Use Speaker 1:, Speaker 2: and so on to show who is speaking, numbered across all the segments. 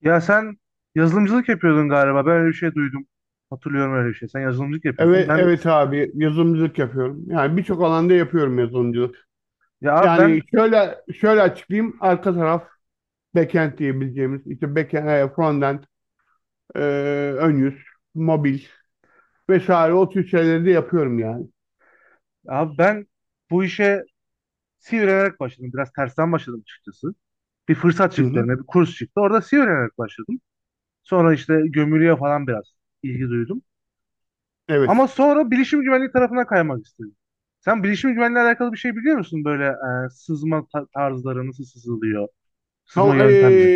Speaker 1: Ya sen yazılımcılık yapıyordun galiba. Ben öyle bir şey duydum. Hatırlıyorum öyle bir şey. Sen yazılımcılık yapıyordun.
Speaker 2: Evet,
Speaker 1: Ben
Speaker 2: evet abi yazılımcılık yapıyorum. Yani birçok alanda yapıyorum yazılımcılık.
Speaker 1: ya abi
Speaker 2: Yani
Speaker 1: ben
Speaker 2: şöyle açıklayayım. Arka taraf backend diyebileceğimiz işte backend, frontend, e, ön yüz, mobil vesaire o tür şeyleri de yapıyorum yani.
Speaker 1: abi ben bu işe C öğrenerek başladım. Biraz tersten başladım açıkçası. Bir fırsat
Speaker 2: Hı
Speaker 1: çıktı
Speaker 2: hı.
Speaker 1: önüme, bir kurs çıktı. Orada C öğrenerek başladım. Sonra işte gömülüye falan biraz ilgi duydum.
Speaker 2: Evet.
Speaker 1: Ama sonra bilişim güvenliği tarafına kaymak istedim. Sen bilişim güvenliği alakalı bir şey biliyor musun? Böyle tarzları, nasıl sızılıyor? Sızma
Speaker 2: Tam,
Speaker 1: yöntemleri.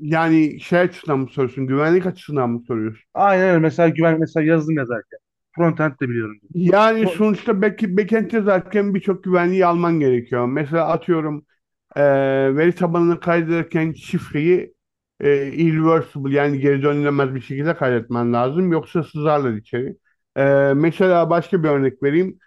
Speaker 2: yani şey açısından mı soruyorsun? Güvenlik açısından mı soruyorsun?
Speaker 1: Aynen öyle. Mesela güvenlik, mesela yazılım yazarken. Frontend de biliyorum.
Speaker 2: Yani sonuçta backend yazarken birçok güvenliği alman gerekiyor. Mesela atıyorum e, veri tabanını kaydederken şifreyi irreversible, yani geri dönülemez bir şekilde kaydetmen lazım. Yoksa sızarlar içeri. E, Mesela başka bir örnek vereyim.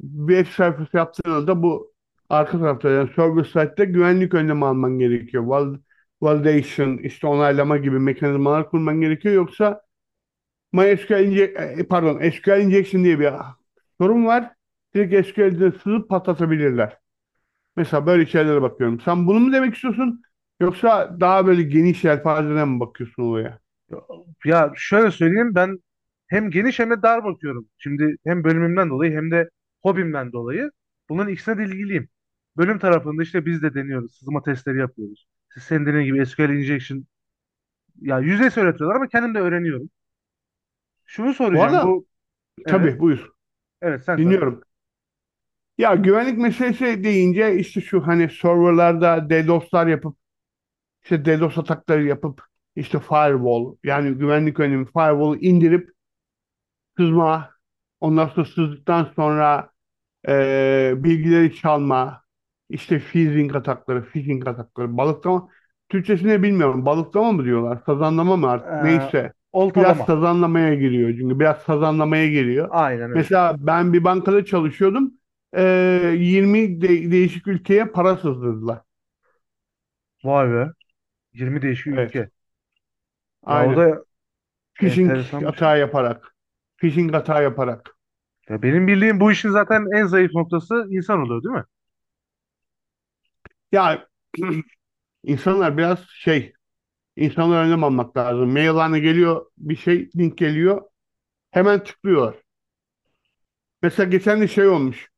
Speaker 2: Bir web sayfası yaptığında bu arka tarafta, yani server side'de güvenlik önlemi alman gerekiyor. Validation, işte onaylama gibi mekanizmalar kurman gerekiyor. Yoksa pardon, SQL injection diye bir sorun var. Direkt SQL'de sızıp patlatabilirler. Mesela böyle şeylere bakıyorum. Sen bunu mu demek istiyorsun? Yoksa daha böyle geniş yelpazeden mi bakıyorsun olaya?
Speaker 1: Ya şöyle söyleyeyim, ben hem geniş hem de dar bakıyorum. Şimdi hem bölümümden dolayı hem de hobimden dolayı bunların ikisine de ilgiliyim. Bölüm tarafında işte biz de deniyoruz. Sızma testleri yapıyoruz. Siz senin dediğin gibi SQL injection, ya yüzeysel öğretiyorlar ama kendim de öğreniyorum. Şunu
Speaker 2: Bu
Speaker 1: soracağım
Speaker 2: arada
Speaker 1: bu evet,
Speaker 2: tabii, buyur.
Speaker 1: evet sen söyle.
Speaker 2: Dinliyorum. Ya, güvenlik meselesi deyince işte şu hani serverlarda DDoS'lar yapıp, işte DDoS atakları yapıp, işte firewall, yani güvenlik önlemi firewall'u indirip sızma ondan sonra, sızdıktan sonra bilgileri çalma, işte phishing atakları, phishing atakları, balıklama. Türkçesini bilmiyorum. Balıklama mı diyorlar? Sazanlama mı artık?
Speaker 1: Ee,
Speaker 2: Neyse. Biraz
Speaker 1: Oltalama.
Speaker 2: sazanlamaya giriyor çünkü. Biraz sazanlamaya giriyor.
Speaker 1: Aynen öyle.
Speaker 2: Mesela ben bir bankada çalışıyordum. 20 değişik ülkeye para sızdırdılar.
Speaker 1: Vay be, 20 değişik
Speaker 2: Evet.
Speaker 1: ülke. Ya o
Speaker 2: Aynen.
Speaker 1: da
Speaker 2: Phishing
Speaker 1: enteresanmış.
Speaker 2: hata yaparak. Phishing hata yaparak.
Speaker 1: Ya benim bildiğim, bu işin zaten en zayıf noktası insan oluyor değil mi?
Speaker 2: Ya, insanlar biraz şey, insanlar önlem almak lazım. Maillerine geliyor bir şey, link geliyor. Hemen tıklıyorlar. Mesela geçen de şey olmuş.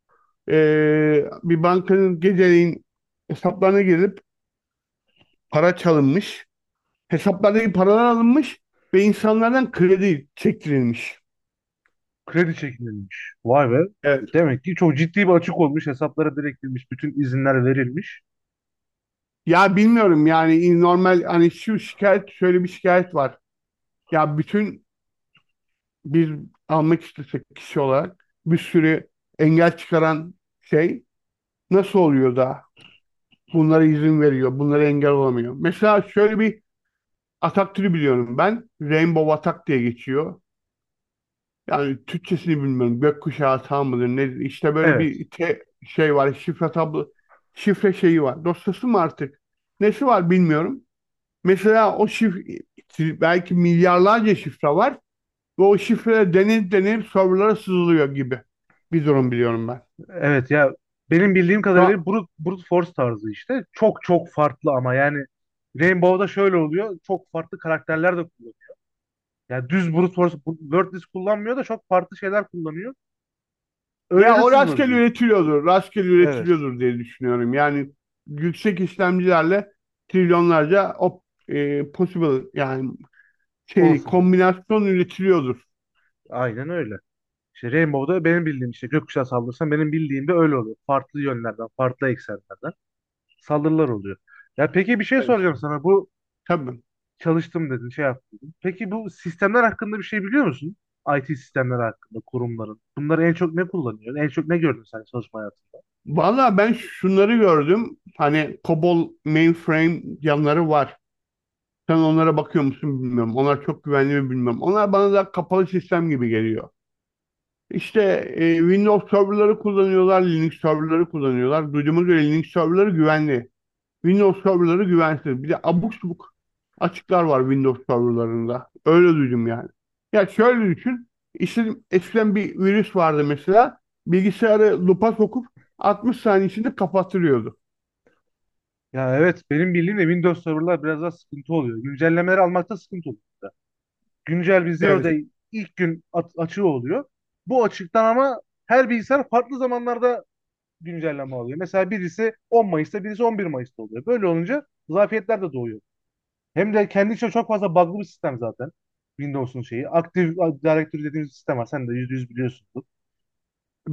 Speaker 2: Bir bankanın geceleyin hesaplarına girilip para çalınmış. Hesaplardaki paralar alınmış ve insanlardan kredi çektirilmiş.
Speaker 1: Kredi çekilmiş. Vay be.
Speaker 2: Evet.
Speaker 1: Demek ki çok ciddi bir açık olmuş. Hesaplara direkt girmiş. Bütün izinler verilmiş.
Speaker 2: Ya, bilmiyorum yani, normal, hani şu şikayet, şöyle bir şikayet var. Ya, biz almak istesek kişi olarak bir sürü engel çıkaran şey, nasıl oluyor da bunlara izin veriyor, bunlara engel olamıyor. Mesela şöyle bir atak türü biliyorum ben. Rainbow atak diye geçiyor. Yani Türkçesini bilmiyorum. Gökkuşağı atağı mıdır nedir? İşte böyle
Speaker 1: Evet.
Speaker 2: bir şey var. Şifre şeyi var. Dosyası mı artık? Nesi var bilmiyorum. Mesela o şifre, belki milyarlarca şifre var. Ve o şifreler denir denir, serverlara sızılıyor gibi bir durum biliyorum ben.
Speaker 1: Evet ya, benim bildiğim
Speaker 2: Şu
Speaker 1: kadarıyla
Speaker 2: an
Speaker 1: brute force tarzı işte. Çok çok farklı ama yani Rainbow'da şöyle oluyor. Çok farklı karakterler de kullanıyor. Yani düz brute force wordless kullanmıyor da çok farklı şeyler kullanıyor. Öyle
Speaker 2: Ya,
Speaker 1: de
Speaker 2: o rastgele
Speaker 1: sızılabiliyor.
Speaker 2: üretiliyordur. Rastgele
Speaker 1: Evet.
Speaker 2: üretiliyordur diye düşünüyorum. Yani yüksek işlemcilerle trilyonlarca possible, yani
Speaker 1: Olasılık.
Speaker 2: kombinasyon üretiliyordur.
Speaker 1: Aynen öyle. İşte Rainbow'da benim bildiğim, işte gökkuşağı saldırırsan benim bildiğim de öyle oluyor. Farklı yönlerden, farklı eksenlerden saldırılar oluyor. Ya peki bir şey
Speaker 2: Evet.
Speaker 1: soracağım sana. Bu
Speaker 2: Tabii.
Speaker 1: çalıştım dedin, şey yaptın dedin. Peki bu sistemler hakkında bir şey biliyor musun? IT sistemleri hakkında, kurumların. Bunları en çok ne kullanıyor? En çok ne gördün sen çalışma hayatında?
Speaker 2: Valla ben şunları gördüm. Hani COBOL mainframe yanları var. Sen onlara bakıyor musun bilmiyorum. Onlar çok güvenli mi bilmiyorum. Onlar bana da kapalı sistem gibi geliyor. İşte Windows serverları kullanıyorlar, Linux serverları kullanıyorlar. Duyduğuma göre Linux serverları güvenli. Windows serverları güvensiz. Bir de abuk subuk açıklar var Windows serverlarında. Öyle duydum yani. Ya şöyle düşün. İşte eskiden bir virüs vardı mesela. Bilgisayarı lupa sokup 60 saniye içinde kapattırıyordu.
Speaker 1: Ya evet, benim bildiğim de Windows serverlar biraz daha sıkıntı oluyor. Güncellemeleri almakta sıkıntı oluyor. Güncel bir zero
Speaker 2: Evet,
Speaker 1: day açığı oluyor. Bu açıktan ama her bilgisayar farklı zamanlarda güncelleme alıyor. Mesela birisi 10 Mayıs'ta, birisi 11 Mayıs'ta oluyor. Böyle olunca zafiyetler de doğuyor. Hem de kendi içinde çok fazla bug'lı bir sistem zaten. Windows'un şeyi. Active Directory dediğimiz sistem var. Sen de yüzde yüz biliyorsundur.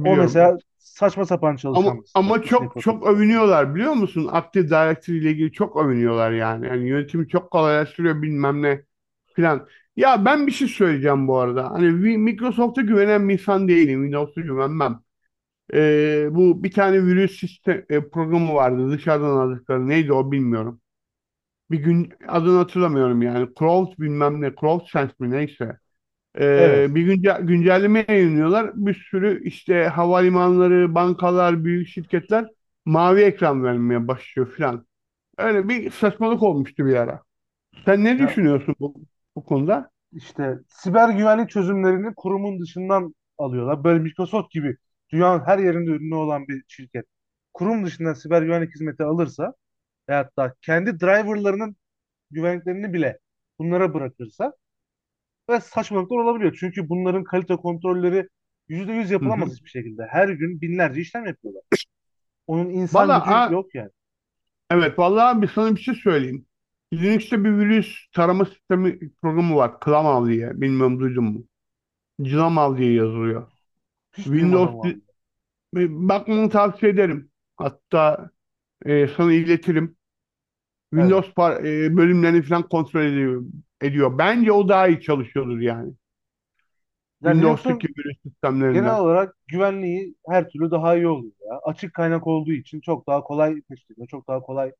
Speaker 1: O mesela
Speaker 2: evet.
Speaker 1: saçma sapan
Speaker 2: Ama
Speaker 1: çalışan bir sistem.
Speaker 2: ama
Speaker 1: İçindeki
Speaker 2: çok çok
Speaker 1: protokolde falan.
Speaker 2: övünüyorlar biliyor musun? Active Directory ile ilgili çok övünüyorlar yani. Yani yönetimi çok kolaylaştırıyor, bilmem ne filan. Ya, ben bir şey söyleyeceğim bu arada. Hani Microsoft'a güvenen bir insan değilim. Windows'a güvenmem. Bu bir tane virüs programı vardı dışarıdan aldıkları, neydi o bilmiyorum. Bir gün adını hatırlamıyorum yani, Crolt bilmem ne, Crolt Sense mi, neyse.
Speaker 1: Evet.
Speaker 2: Bir güncelleme yayınlıyorlar. Bir sürü işte havalimanları, bankalar, büyük şirketler mavi ekran vermeye başlıyor filan. Öyle bir saçmalık olmuştu bir ara. Sen ne
Speaker 1: Ya
Speaker 2: düşünüyorsun bu konuda?
Speaker 1: işte siber güvenlik çözümlerini kurumun dışından alıyorlar. Böyle Microsoft gibi dünyanın her yerinde ürünü olan bir şirket. Kurum dışından siber güvenlik hizmeti alırsa ve hatta kendi driverlarının güvenliklerini bile bunlara bırakırsa ve saçmalıklar olabiliyor. Çünkü bunların kalite kontrolleri %100
Speaker 2: Hı
Speaker 1: yapılamaz
Speaker 2: hı.
Speaker 1: hiçbir şekilde. Her gün binlerce işlem yapıyorlar. Onun insan gücü
Speaker 2: Valla,
Speaker 1: yok yani.
Speaker 2: evet, vallahi bir sana bir şey söyleyeyim. Linux'te bir virüs tarama sistemi programı var. ClamAV diye. Bilmiyorum, duydun mu? ClamAV diye yazılıyor.
Speaker 1: Hiç
Speaker 2: Windows
Speaker 1: duymadım vallahi.
Speaker 2: bakmanı tavsiye ederim. Hatta, sana iletirim.
Speaker 1: Evet.
Speaker 2: Windows bölümlerini falan kontrol ediyor, ediyor. Bence o daha iyi çalışıyordur yani.
Speaker 1: Ya
Speaker 2: Windows'taki
Speaker 1: Linux'un
Speaker 2: virüs
Speaker 1: genel
Speaker 2: sistemlerinden.
Speaker 1: olarak güvenliği her türlü daha iyi oluyor ya. Açık kaynak olduğu için çok daha kolay tespit ediliyor, çok daha kolay,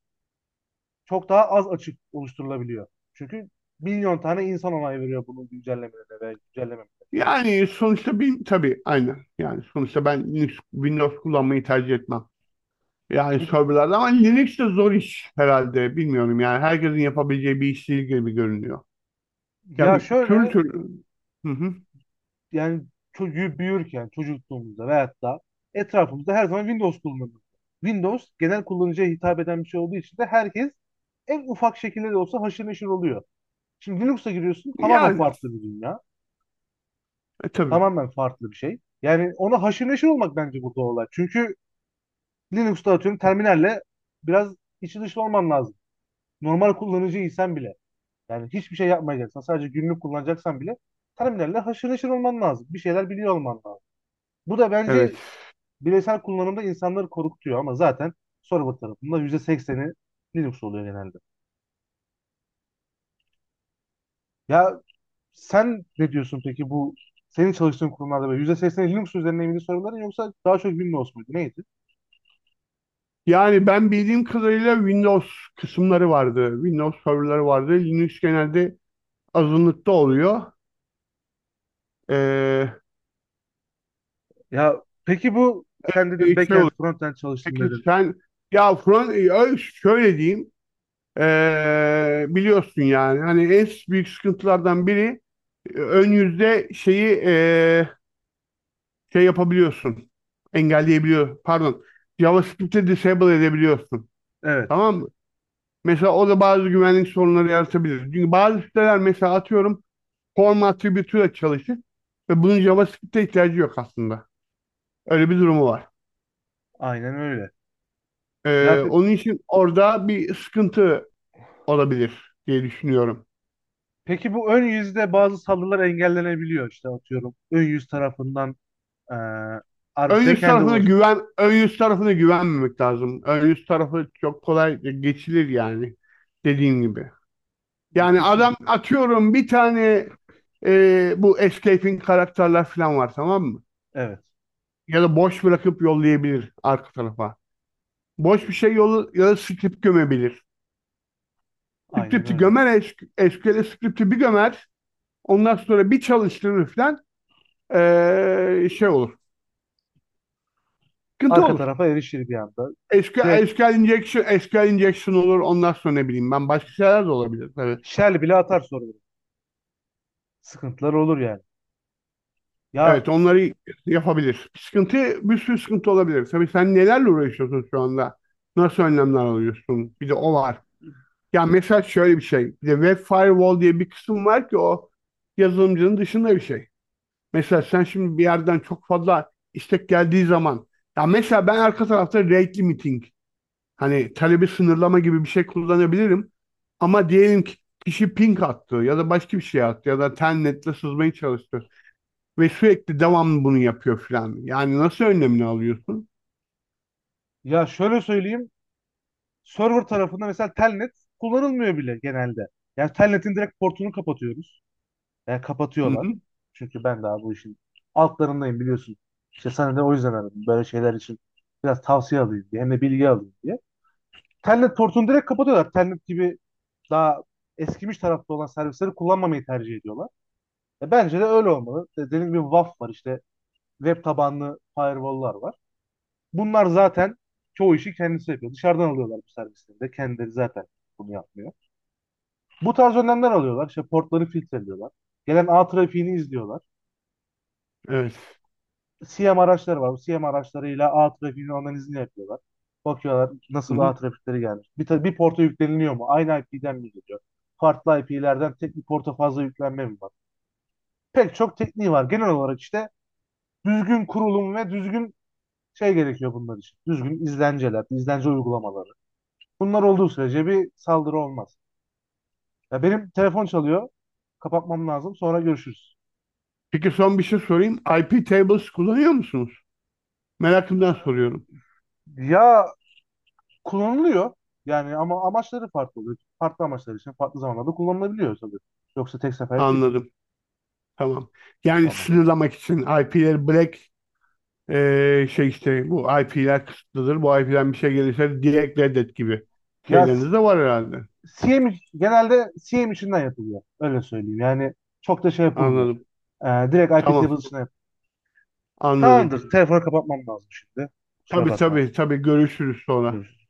Speaker 1: çok daha az açık oluşturulabiliyor. Çünkü milyon tane insan onay veriyor bunun güncellemelerine ve güncellemelerine.
Speaker 2: Yani sonuçta, bir tabii, aynen. Yani sonuçta ben Linux, Windows kullanmayı tercih etmem. Yani
Speaker 1: Peki,
Speaker 2: serverlarda, ama Linux de zor iş herhalde. Bilmiyorum yani, herkesin yapabileceği bir iş değil gibi görünüyor. Ya,
Speaker 1: ya
Speaker 2: türlü
Speaker 1: şöyle,
Speaker 2: türlü. Hı hı.
Speaker 1: yani çocuğu büyürken, çocukluğumuzda veyahut da etrafımızda her zaman Windows kullanılır. Windows genel kullanıcıya hitap eden bir şey olduğu için de herkes en ufak şekilde de olsa haşır neşir oluyor. Şimdi Linux'a giriyorsun, tamamen
Speaker 2: Yani,
Speaker 1: farklı bir dünya.
Speaker 2: tabii.
Speaker 1: Tamamen farklı bir şey. Yani ona haşır neşir olmak bence burada olay. Çünkü Linux'ta atıyorum terminalle biraz içi dışı olman lazım. Normal kullanıcıysan bile. Yani hiçbir şey yapmayacaksan, sadece günlük kullanacaksan bile terminalle haşır neşir olman lazım. Bir şeyler biliyor olman lazım. Bu da
Speaker 2: Evet.
Speaker 1: bence bireysel kullanımda insanları korkutuyor ama zaten server tarafında yüzde sekseni Linux oluyor genelde. Ya sen ne diyorsun peki, bu senin çalıştığın kurumlarda böyle %80'i Linux üzerine miydi serverların, yoksa daha çok Windows muydu, neydi?
Speaker 2: Yani ben bildiğim kadarıyla Windows kısımları vardı. Windows serverları vardı. Linux genelde azınlıkta oluyor. Ee,
Speaker 1: Ya peki bu sen dedin,
Speaker 2: şey
Speaker 1: backend
Speaker 2: oluyor.
Speaker 1: frontend çalıştım
Speaker 2: Peki
Speaker 1: dedin.
Speaker 2: sen, ya, şöyle diyeyim. Biliyorsun yani, hani en büyük sıkıntılardan biri ön yüzde şeyi şey yapabiliyorsun. Engelleyebiliyor. Pardon. JavaScript'te disable edebiliyorsun.
Speaker 1: Evet,
Speaker 2: Tamam mı? Mesela o da bazı güvenlik sorunları yaratabilir. Çünkü bazı siteler mesela atıyorum form attribute'uyla çalışır ve bunun JavaScript'e ihtiyacı yok aslında. Öyle bir durumu var.
Speaker 1: aynen öyle. Ya pe-
Speaker 2: Onun için orada bir sıkıntı olabilir diye düşünüyorum.
Speaker 1: peki bu ön yüzde bazı saldırılar engellenebiliyor işte, atıyorum. Ön yüz tarafından eee
Speaker 2: Ön yüz
Speaker 1: backend'e
Speaker 2: tarafına
Speaker 1: ulaş,
Speaker 2: güven, ön yüz tarafına güvenmemek lazım. Ön yüz tarafı çok kolay geçilir yani, dediğim gibi. Yani
Speaker 1: kesin.
Speaker 2: adam atıyorum bu escaping karakterler falan var, tamam mı?
Speaker 1: Evet,
Speaker 2: Ya da boş bırakıp yollayabilir arka tarafa. Boş bir şey yolu ya da script gömebilir.
Speaker 1: aynen
Speaker 2: Script'i
Speaker 1: öyle.
Speaker 2: gömer, SQL'e script'i bir gömer. Ondan sonra bir çalıştırır falan, şey olur. Sıkıntı
Speaker 1: Arka
Speaker 2: olur.
Speaker 1: tarafa erişir bir anda. Direkt
Speaker 2: SQL injection, SQL injection olur. Ondan sonra ne bileyim ben, başka şeyler de olabilir tabii.
Speaker 1: shell bile atar server. Sıkıntılar olur yani. Ya
Speaker 2: Evet, onları yapabilir. Bir sürü sıkıntı olabilir. Tabii sen nelerle uğraşıyorsun şu anda? Nasıl önlemler alıyorsun? Bir de o var. Ya mesela şöyle bir şey. Bir de web firewall diye bir kısım var ki o yazılımcının dışında bir şey. Mesela sen şimdi bir yerden çok fazla istek geldiği zaman, ya mesela ben arka tarafta rate limiting, hani talebi sınırlama gibi bir şey kullanabilirim. Ama diyelim ki kişi ping attı ya da başka bir şey attı ya da telnetle sızmaya çalıştı ve sürekli devamlı bunu yapıyor filan. Yani nasıl önlemini alıyorsun?
Speaker 1: ya şöyle söyleyeyim. Server tarafında mesela telnet kullanılmıyor bile genelde. Yani telnetin direkt portunu kapatıyoruz. Yani
Speaker 2: Hı
Speaker 1: kapatıyorlar.
Speaker 2: hı.
Speaker 1: Çünkü ben daha bu işin altlarındayım biliyorsun. İşte sana da o yüzden aradım. Böyle şeyler için biraz tavsiye alayım diye. Hem de bilgi alayım diye. Telnet portunu direkt kapatıyorlar. Telnet gibi daha eskimiş tarafta olan servisleri kullanmamayı tercih ediyorlar. E bence de öyle olmalı. E dediğim gibi WAF var, işte web tabanlı firewall'lar var. Bunlar zaten çoğu işi kendisi yapıyor. Dışarıdan alıyorlar bu servisleri de. Kendileri zaten bunu yapmıyor. Bu tarz önlemler alıyorlar. İşte portları filtreliyorlar. Gelen ağ trafiğini izliyorlar.
Speaker 2: Evet.
Speaker 1: CM araçları var. Bu CM araçlarıyla ağ trafiğinin analizini yapıyorlar. Bakıyorlar
Speaker 2: Hı
Speaker 1: nasıl
Speaker 2: hı.
Speaker 1: ağ trafikleri gelmiş. Bir porta yükleniliyor mu? Aynı IP'den mi geliyor? Farklı IP'lerden tek bir porta fazla yüklenme mi var? Pek çok tekniği var. Genel olarak işte düzgün kurulum ve düzgün şey gerekiyor bunlar için. Düzgün izlenceler, izlence uygulamaları. Bunlar olduğu sürece bir saldırı olmaz. Ya benim telefon çalıyor. Kapatmam lazım. Sonra görüşürüz.
Speaker 2: Peki son bir şey sorayım. IP tables kullanıyor musunuz? Merakımdan soruyorum.
Speaker 1: Ya kullanılıyor. Yani ama amaçları farklı oluyor. Farklı amaçlar için farklı zamanlarda kullanılabiliyor tabii. Yoksa tek seferlik değil.
Speaker 2: Anladım. Tamam. Yani
Speaker 1: Tamam.
Speaker 2: sınırlamak için IP'leri black, şey, işte bu IP'ler kısıtlıdır. Bu IP'den bir şey gelirse direkt reddet gibi
Speaker 1: Ya s-
Speaker 2: şeyleriniz de var herhalde.
Speaker 1: Genelde CM içinden yapılıyor. Öyle söyleyeyim. Yani çok da şey yapılmıyor.
Speaker 2: Anladım.
Speaker 1: Ee, Direkt IP
Speaker 2: Tamam.
Speaker 1: table içinden yapılıyor.
Speaker 2: Anladım.
Speaker 1: Tamamdır. Telefonu kapatmam lazım şimdi. Kusura
Speaker 2: Tabii,
Speaker 1: bakma.
Speaker 2: tabii, tabii, görüşürüz sonra.
Speaker 1: Görüşürüz.